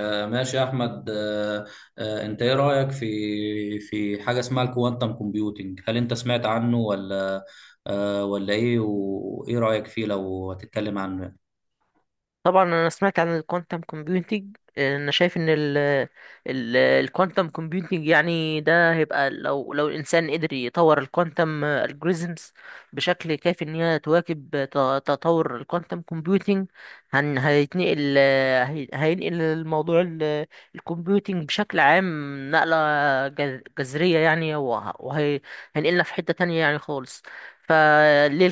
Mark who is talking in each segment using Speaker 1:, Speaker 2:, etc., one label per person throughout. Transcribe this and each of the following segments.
Speaker 1: ماشي يا احمد. انت ايه رايك في حاجه اسمها الكوانتم كومبيوتنج؟ هل انت سمعت عنه ولا؟ ولا ايه؟ وايه رايك فيه لو هتتكلم عنه؟
Speaker 2: طبعا انا سمعت عن الكوانتم كومبيوتنج. انا شايف ان الكوانتم كومبيوتنج، يعني ده هيبقى لو الانسان قدر يطور الكوانتم الجوريزمز بشكل كافي ان هي تواكب تطور الكوانتم كومبيوتنج. هيتنقل هينقل الموضوع الكمبيوتنج بشكل عام نقلة جذرية، يعني وهي هينقلنا في حتة تانية يعني خالص. فليه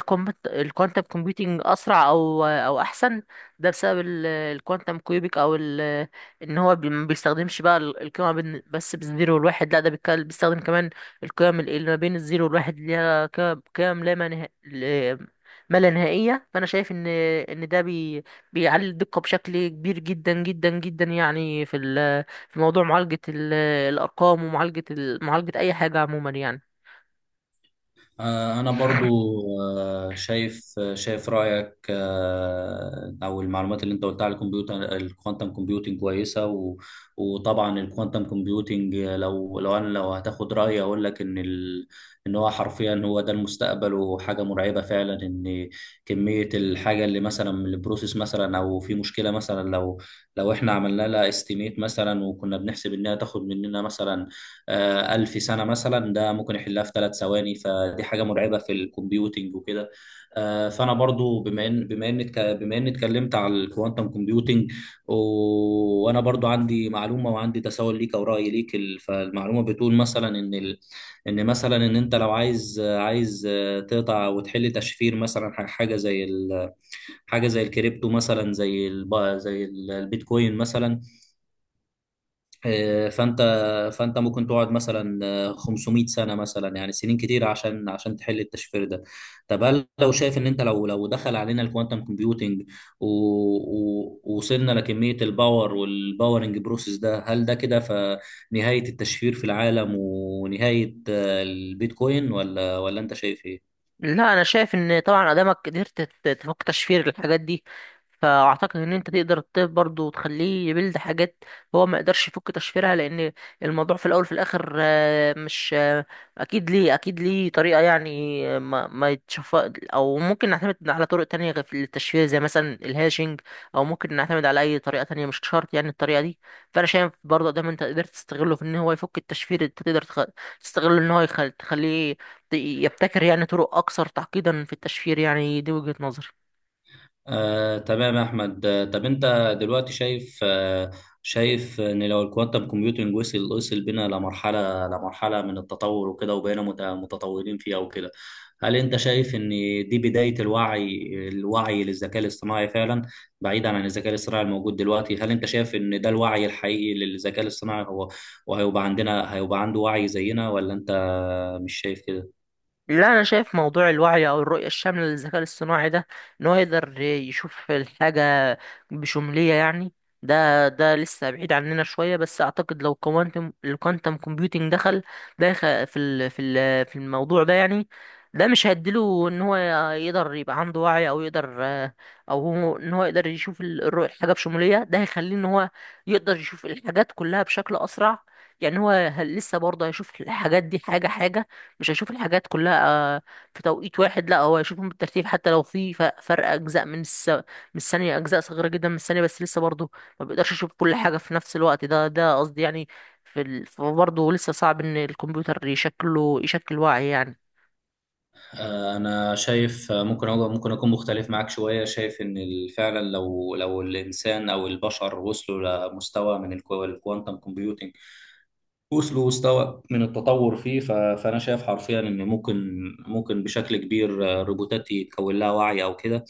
Speaker 2: الكوانتم كومبيوتنج اسرع او احسن؟ ده بسبب الكوانتم كيوبيك او ان هو ما بيستخدمش بقى القيمه بس بالزيرو والواحد، لا ده بيستخدم كمان القيم اللي ما بين الزيرو والواحد، اللي هي قيم لا منها، ما لا نهائيه. فانا شايف ان بيعلي الدقه بشكل كبير جدا جدا جدا، يعني في في موضوع معالجه الارقام، ومعالجه معالجه اي حاجه عموما يعني.
Speaker 1: أنا برضو شايف رأيك. أو المعلومات اللي أنت قلتها على الكمبيوتر الكوانتم كومبيوتنج كويسة وطبعا الكوانتم كومبيوتنج، لو أنا لو هتاخد رأيي أقول لك إن هو حرفيا هو ده المستقبل، وحاجة مرعبة فعلا. إن كمية الحاجة اللي مثلا من البروسيس مثلا أو في مشكلة مثلا، لو إحنا عملنا لها استيميت مثلا وكنا بنحسب إنها تاخد مننا مثلا 1000 سنة مثلا، ده ممكن يحلها في 3 ثواني، فدي حاجة مرعبة في الكمبيوتنج وكده. فأنا برضو بما إن اتكلمت على الكوانتم كومبيوتنج، وأنا برضو عندي معلومة وعندي تساؤل ليك أو رأي ليك. فالمعلومة بتقول مثلا إن مثلا إن أنت لو عايز، تقطع وتحل تشفير مثلا، حاجة زي حاجة زي الكريبتو مثلا، زي زي البيتكوين مثلا. آه، فانت فانت ممكن تقعد مثلا 500 سنه مثلا، يعني سنين كتير عشان تحل التشفير ده. طب هل لو شايف ان انت، لو دخل علينا الكوانتم كومبيوتنج ووصلنا لكميه الباور والباورنج بروسيس ده، هل ده كده فنهايه التشفير في العالم ونهايه البيتكوين، ولا انت شايف ايه؟
Speaker 2: لا، انا شايف ان طبعا ادامك قدرت تفك تشفير الحاجات دي، فاعتقد ان انت تقدر الطب برضه تخليه يبلد حاجات هو ما يقدرش يفك تشفيرها، لان الموضوع في الاول في الاخر مش اكيد ليه، اكيد ليه طريقه يعني ما يتشف، او ممكن نعتمد على طرق تانية غير في التشفير زي مثلا الهاشنج، او ممكن نعتمد على اي طريقه تانية، مش شرط يعني الطريقه دي. فانا شايف برضه ده ما انت قدرت تستغله في ان هو يفك التشفير، انت تقدر تستغله ان هو تخليه يبتكر يعني طرق أكثر تعقيدا في التشفير. يعني دي وجهة نظري.
Speaker 1: تمام يا احمد. طب انت دلوقتي شايف، شايف ان لو الكوانتم كومبيوتنج وصل بينا لمرحله من التطور وكده، وبقينا متطورين فيها وكده، هل انت شايف ان دي بدايه الوعي للذكاء الاصطناعي فعلا؟ بعيدا عن الذكاء الاصطناعي الموجود دلوقتي، هل انت شايف ان ده الوعي الحقيقي للذكاء الاصطناعي، هو وهيبقى عندنا، عنده وعي زينا ولا انت مش شايف كده؟
Speaker 2: لا، انا شايف موضوع الوعي او الرؤيه الشامله للذكاء الاصطناعي ده، ان هو يقدر يشوف الحاجه بشموليه يعني، ده لسه بعيد عننا شويه. بس اعتقد لو الكوانتم كومبيوتنج دخل ده يخ- في ال- في ال- في الموضوع ده، يعني ده مش هيديله ان هو يقدر يبقى عنده وعي، او يقدر او هو ان هو يقدر يشوف الرؤيه الحاجه بشموليه. ده هيخليه ان هو يقدر يشوف الحاجات كلها بشكل اسرع، يعني هو لسه برضه هيشوف الحاجات دي حاجه حاجه، مش هيشوف الحاجات كلها آه، في توقيت واحد. لا، هو هيشوفهم بالترتيب، حتى لو في فرق اجزاء من من الثانيه، اجزاء صغيره جدا من الثانيه، بس لسه برضه ما بيقدرش يشوف كل حاجه في نفس الوقت. ده قصدي يعني. برضه لسه صعب ان الكمبيوتر يشكله يشكل وعي يعني.
Speaker 1: انا شايف. ممكن اكون مختلف معاك شويه. شايف ان فعلا لو، الانسان او البشر وصلوا لمستوى من الكوانتم كومبيوتنج، وصل مستوى من التطور فيه، فانا شايف حرفيا ان ممكن، بشكل كبير، الروبوتات يتكون لها وعي او كده.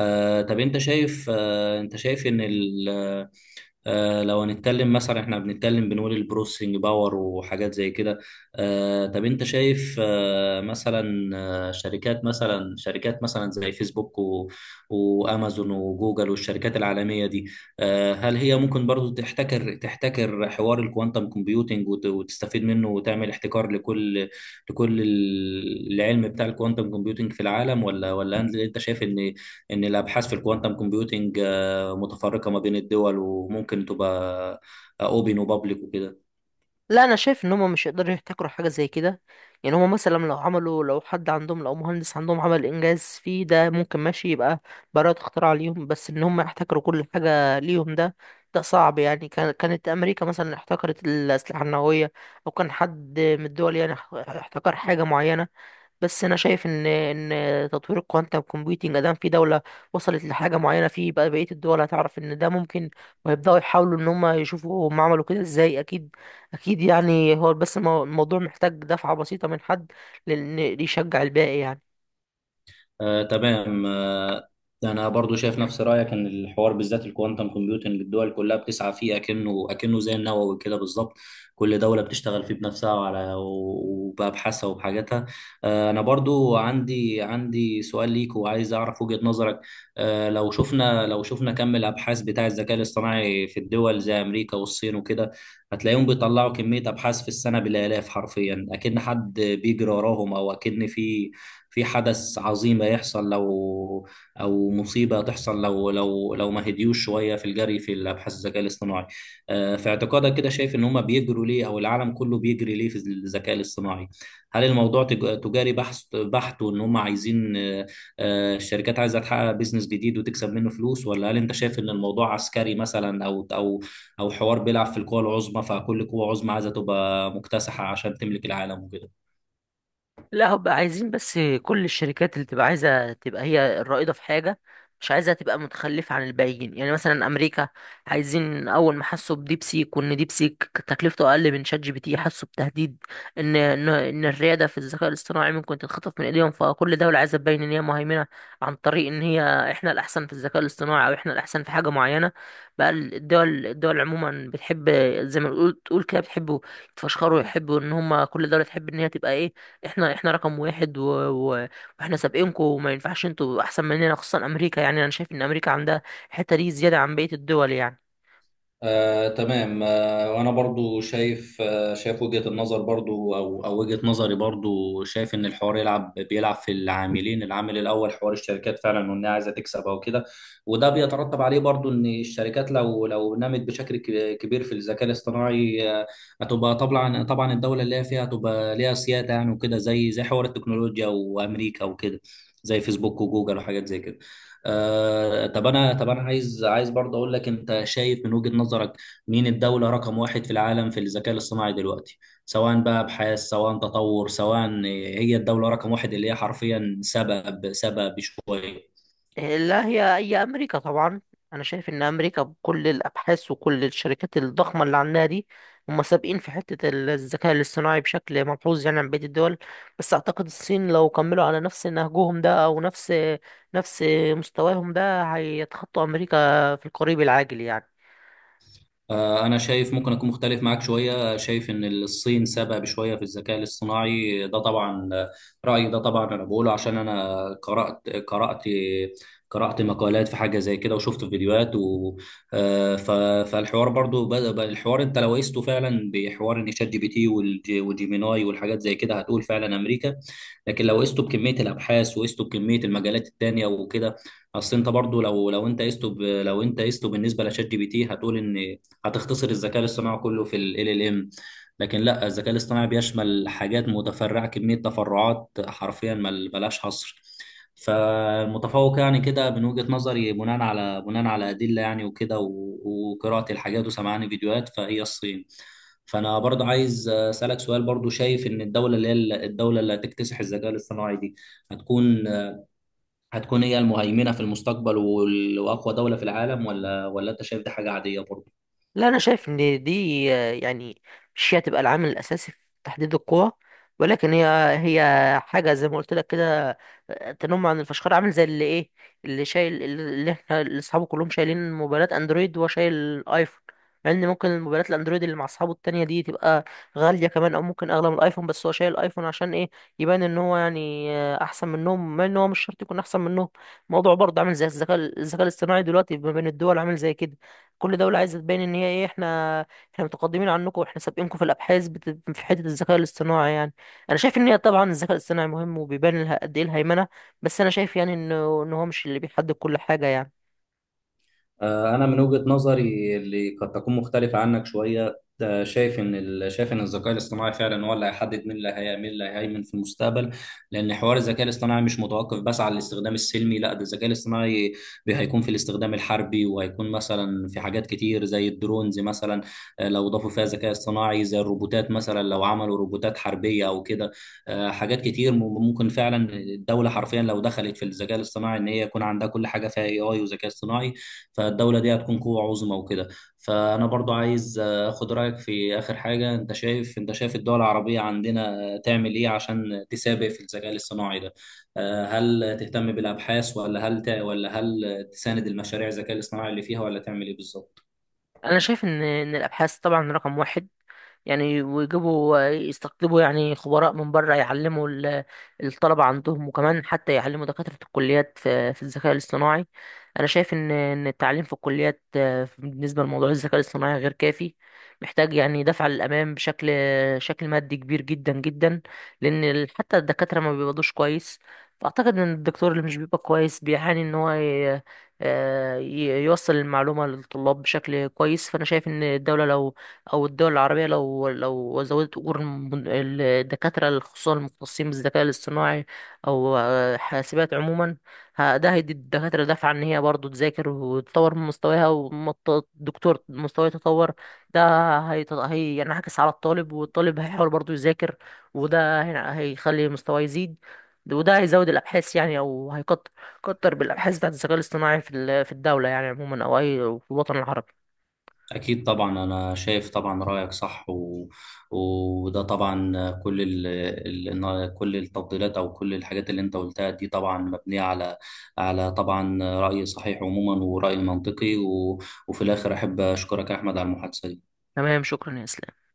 Speaker 1: طب انت شايف ان ال آه، لو هنتكلم مثلا، احنا بنتكلم بنقول البروسيسنج باور وحاجات زي كده. طب انت شايف، مثلا، شركات مثلا، زي فيسبوك وامازون وجوجل والشركات العالمية دي. هل هي ممكن برضو تحتكر، حوار الكوانتم كومبيوتنج، وتستفيد منه وتعمل احتكار لكل، العلم بتاع الكوانتم كومبيوتنج في العالم، ولا أنت شايف ان الابحاث في الكوانتم كومبيوتنج، متفرقة ما بين الدول، وممكن تبقى اوبن وبابليك وكده.
Speaker 2: لا، انا شايف ان هم مش يقدروا يحتكروا حاجه زي كده. يعني هم مثلا لو عملوا، لو حد عندهم لو مهندس عندهم عمل انجاز فيه، ده ممكن ماشي يبقى براءة اختراع ليهم، بس ان هم يحتكروا كل حاجه ليهم، ده صعب يعني. كان كانت امريكا مثلا احتكرت الاسلحه النوويه، او كان حد من الدول يعني احتكر حاجه معينه. بس انا شايف ان ان تطوير الكوانتم كومبيوتنج ادام في دوله وصلت لحاجه معينه فيه، بقى بقيه الدول هتعرف ان ده ممكن، وهيبداوا يحاولوا ان هم يشوفوا هم عملوا كده ازاي، اكيد اكيد يعني. هو بس الموضوع محتاج دفعه بسيطه من حد، لان يشجع الباقي يعني.
Speaker 1: تمام. انا برضو شايف نفس رايك ان الحوار، بالذات الكوانتم كومبيوتنج، الدول كلها بتسعى فيه اكنه زي النووي كده بالظبط. كل دوله بتشتغل فيه بنفسها وبابحاثها وبحاجاتها. انا برضو عندي، سؤال ليك وعايز اعرف وجهه نظرك. لو شفنا، كم الابحاث بتاع الذكاء الاصطناعي في الدول زي امريكا والصين وكده، هتلاقيهم بيطلعوا كميه ابحاث في السنه بالالاف حرفيا، اكن حد بيجري وراهم، او اكن في، حدث عظيم هيحصل لو، او مصيبه تحصل لو، ما هديوش شويه في الجري في الابحاث الذكاء الاصطناعي. في اعتقادك كده، شايف ان هم بيجروا ليه او العالم كله بيجري ليه في الذكاء الاصطناعي؟ هل الموضوع تجاري بحث بحت، وان هم عايزين، الشركات عايزه تحقق بيزنس جديد وتكسب منه فلوس؟ ولا هل انت شايف ان الموضوع عسكري مثلا، او، حوار بيلعب في القوى العظمى، فكل قوه عظمى عايزه تبقى مكتسحه عشان تملك العالم وكده؟
Speaker 2: لا، هبقى عايزين بس كل الشركات اللي تبقى عايزة تبقى هي الرائدة في حاجة، مش عايزة تبقى متخلفة عن الباقيين. يعني مثلا أمريكا عايزين، أول ما حسوا بديبسيك وإن ديبسيك تكلفته أقل من شات جي بي تي، حسوا بتهديد إن إن الريادة في الذكاء الاصطناعي ممكن تتخطف من إيديهم. فكل دولة عايزة تبين إن هي مهيمنة عن طريق إن هي إحنا الأحسن في الذكاء الاصطناعي، أو إحنا الأحسن في حاجة معينة. بقى الدول عموما بتحب، زي ما تقول تقول كده، بتحبوا يتفشخروا، يحبوا إن هما كل دولة تحب إن هي تبقى إيه، احنا احنا رقم واحد و... و... واحنا سابقينكم، وما ينفعش انتوا احسن مننا، خصوصا امريكا. يعني انا شايف ان امريكا عندها الحته دي زياده عن بقيه الدول يعني.
Speaker 1: تمام. وانا برضو شايف، وجهة النظر برضو، او وجهة نظري، برضو شايف ان الحوار يلعب بيلعب في العاملين. العامل الاول حوار الشركات فعلا، وانها عايزه تكسب او كده. وده بيترتب عليه برضو ان الشركات لو، نمت بشكل كبير في الذكاء الاصطناعي، هتبقى طبعا، الدولة اللي هي فيها هتبقى ليها سيادة يعني وكده، زي، حوار التكنولوجيا وامريكا وكده، زي فيسبوك وجوجل وحاجات زي كده. طب انا، عايز، برضه اقول لك، انت شايف من وجهة نظرك مين الدولة رقم واحد في العالم في الذكاء الاصطناعي دلوقتي؟ سواء بقى ابحاث، سواء تطور، سواء، هي الدولة رقم واحد اللي هي حرفيا سبب، شوية.
Speaker 2: لا، هي اي امريكا طبعا. انا شايف ان امريكا بكل الابحاث وكل الشركات الضخمه اللي عندها دي، هم سابقين في حته الذكاء الاصطناعي بشكل ملحوظ يعني عن بقيه الدول. بس اعتقد الصين لو كملوا على نفس نهجهم ده، او نفس مستواهم ده، هيتخطوا امريكا في القريب العاجل يعني.
Speaker 1: أنا شايف ممكن أكون مختلف معاك شوية، شايف إن الصين سابقة بشوية في الذكاء الاصطناعي ده طبعا. رأيي ده طبعا أنا بقوله عشان أنا قرأت، مقالات في حاجة زي كده، وشفت فيديوهات آه، ف- فالحوار برضو بدأ، بقى الحوار أنت لو قيسته فعلا بحوار إن شات جي بي تي وجيميناي والحاجات زي كده، هتقول فعلا أمريكا. لكن لو قيسته بكمية الأبحاث وقيسته بكمية المجالات التانية وكده، أصل أنت برضو لو، أنت قيسته لو أنت قيسته بالنسبة لشات جي بي تي، هتقول إن هتختصر الذكاء الاصطناعي كله في ال LLM. لكن لا، الذكاء الاصطناعي بيشمل حاجات متفرعة، كمية تفرعات حرفيا ملهاش حصر. فالمتفوق يعني كده من وجهة نظري، بناء على، أدلة يعني وكده، وقراءة الحاجات وسمعان فيديوهات، فهي الصين. فأنا برضو عايز أسألك سؤال، برضو شايف إن الدولة اللي هي، الدولة اللي هتكتسح الذكاء الاصطناعي دي، هتكون، هي المهيمنة في المستقبل وأقوى دولة في العالم، ولا أنت شايف دي حاجة عادية برضو؟
Speaker 2: لا، انا شايف ان دي يعني مش هي تبقى العامل الاساسي في تحديد القوى، ولكن هي هي حاجه زي ما قلت لك كده، تنم عن الفشخار. عامل زي اللي ايه، اللي شايل، اللي احنا اللي اصحابه كلهم شايلين موبايلات اندرويد وهو شايل ايفون. مع ان ممكن الموبايلات الاندرويد اللي مع اصحابه التانية دي تبقى غاليه كمان، او ممكن اغلى من الايفون، بس هو شايل الايفون عشان ايه؟ يبان ان هو يعني احسن منهم، مع ان هو مش شرط يكون احسن منهم. الموضوع برضه عامل زي الذكاء الاصطناعي دلوقتي ما بين الدول، عامل زي كده. كل دولة عايزة تبين ان هي ايه، احنا احنا متقدمين عنكم، واحنا سابقينكم في الابحاث في حتة الذكاء الاصطناعي يعني. انا شايف ان هي طبعا الذكاء الاصطناعي مهم وبيبان لها قد ايه الهيمنة، بس انا شايف يعني انه ان هو مش اللي بيحدد كل حاجة يعني.
Speaker 1: أنا من وجهة نظري اللي قد تكون مختلفة عنك شوية، شايف إن شايف إن الذكاء الاصطناعي فعلا هو اللي هيحدد مين اللي، مين اللي هيهيمن في المستقبل. لأن حوار الذكاء الاصطناعي مش متوقف بس على الاستخدام السلمي، لا، ده الذكاء الاصطناعي هيكون في الاستخدام الحربي، وهيكون مثلا في حاجات كتير زي الدرونز مثلا. لو ضافوا فيها ذكاء اصطناعي زي الروبوتات مثلا، لو عملوا روبوتات حربية أو كده. حاجات كتير ممكن فعلا الدولة حرفيا لو دخلت في الذكاء الاصطناعي، إن هي يكون عندها كل حاجة فيها AI وذكاء اصطناعي، فالدولة دي هتكون قوة عظمى وكده. فأنا برضو عايز أخد رأيك في آخر حاجة، أنت شايف الدول العربية عندنا تعمل إيه عشان تسابق في الذكاء الاصطناعي ده؟ هل تهتم بالأبحاث، ولا هل ولا هل تساند المشاريع الذكاء الاصطناعي اللي فيها، ولا تعمل إيه بالظبط؟
Speaker 2: انا شايف ان الابحاث طبعا رقم واحد، يعني ويجيبوا يستقطبوا يعني خبراء من بره يعلموا الطلبة عندهم، وكمان حتى يعلموا دكاترة الكليات في في الذكاء الاصطناعي. أنا شايف إن التعليم في الكليات بالنسبة لموضوع الذكاء الاصطناعي غير كافي، محتاج يعني دفع للأمام بشكل شكل مادي كبير جدا جدا، لأن حتى الدكاترة ما بيقبضوش كويس. فأعتقد إن الدكتور اللي مش بيبقى كويس بيعاني إن هو يوصل المعلومة للطلاب بشكل كويس. فأنا شايف إن الدولة لو او الدول العربيه لو زودت اجور الدكاتره، خصوصا المختصين بالذكاء الاصطناعي، او حاسبات عموما، ده هيدي الدكاتره دفعه ان هي برضه تذاكر وتطور من مستواها، والدكتور مستواه يتطور. ده هيت- هي يعني هيعكس على الطالب، والطالب هيحاول برضه يذاكر، وده هيخلي مستواه يزيد، وده هيزود الابحاث يعني، او هيكتر كتر بالابحاث بتاعت الذكاء الاصطناعي في في الدوله يعني عموما، او اي في الوطن العربي.
Speaker 1: أكيد طبعا، أنا شايف طبعا رأيك صح. وده طبعا كل إن كل التفضيلات أو كل الحاجات اللي أنت قلتها دي طبعا مبنية على، طبعا رأي صحيح عموما، ورأي منطقي. وفي الآخر أحب أشكرك يا أحمد على المحادثة دي.
Speaker 2: تمام، شكرا يا اسلام.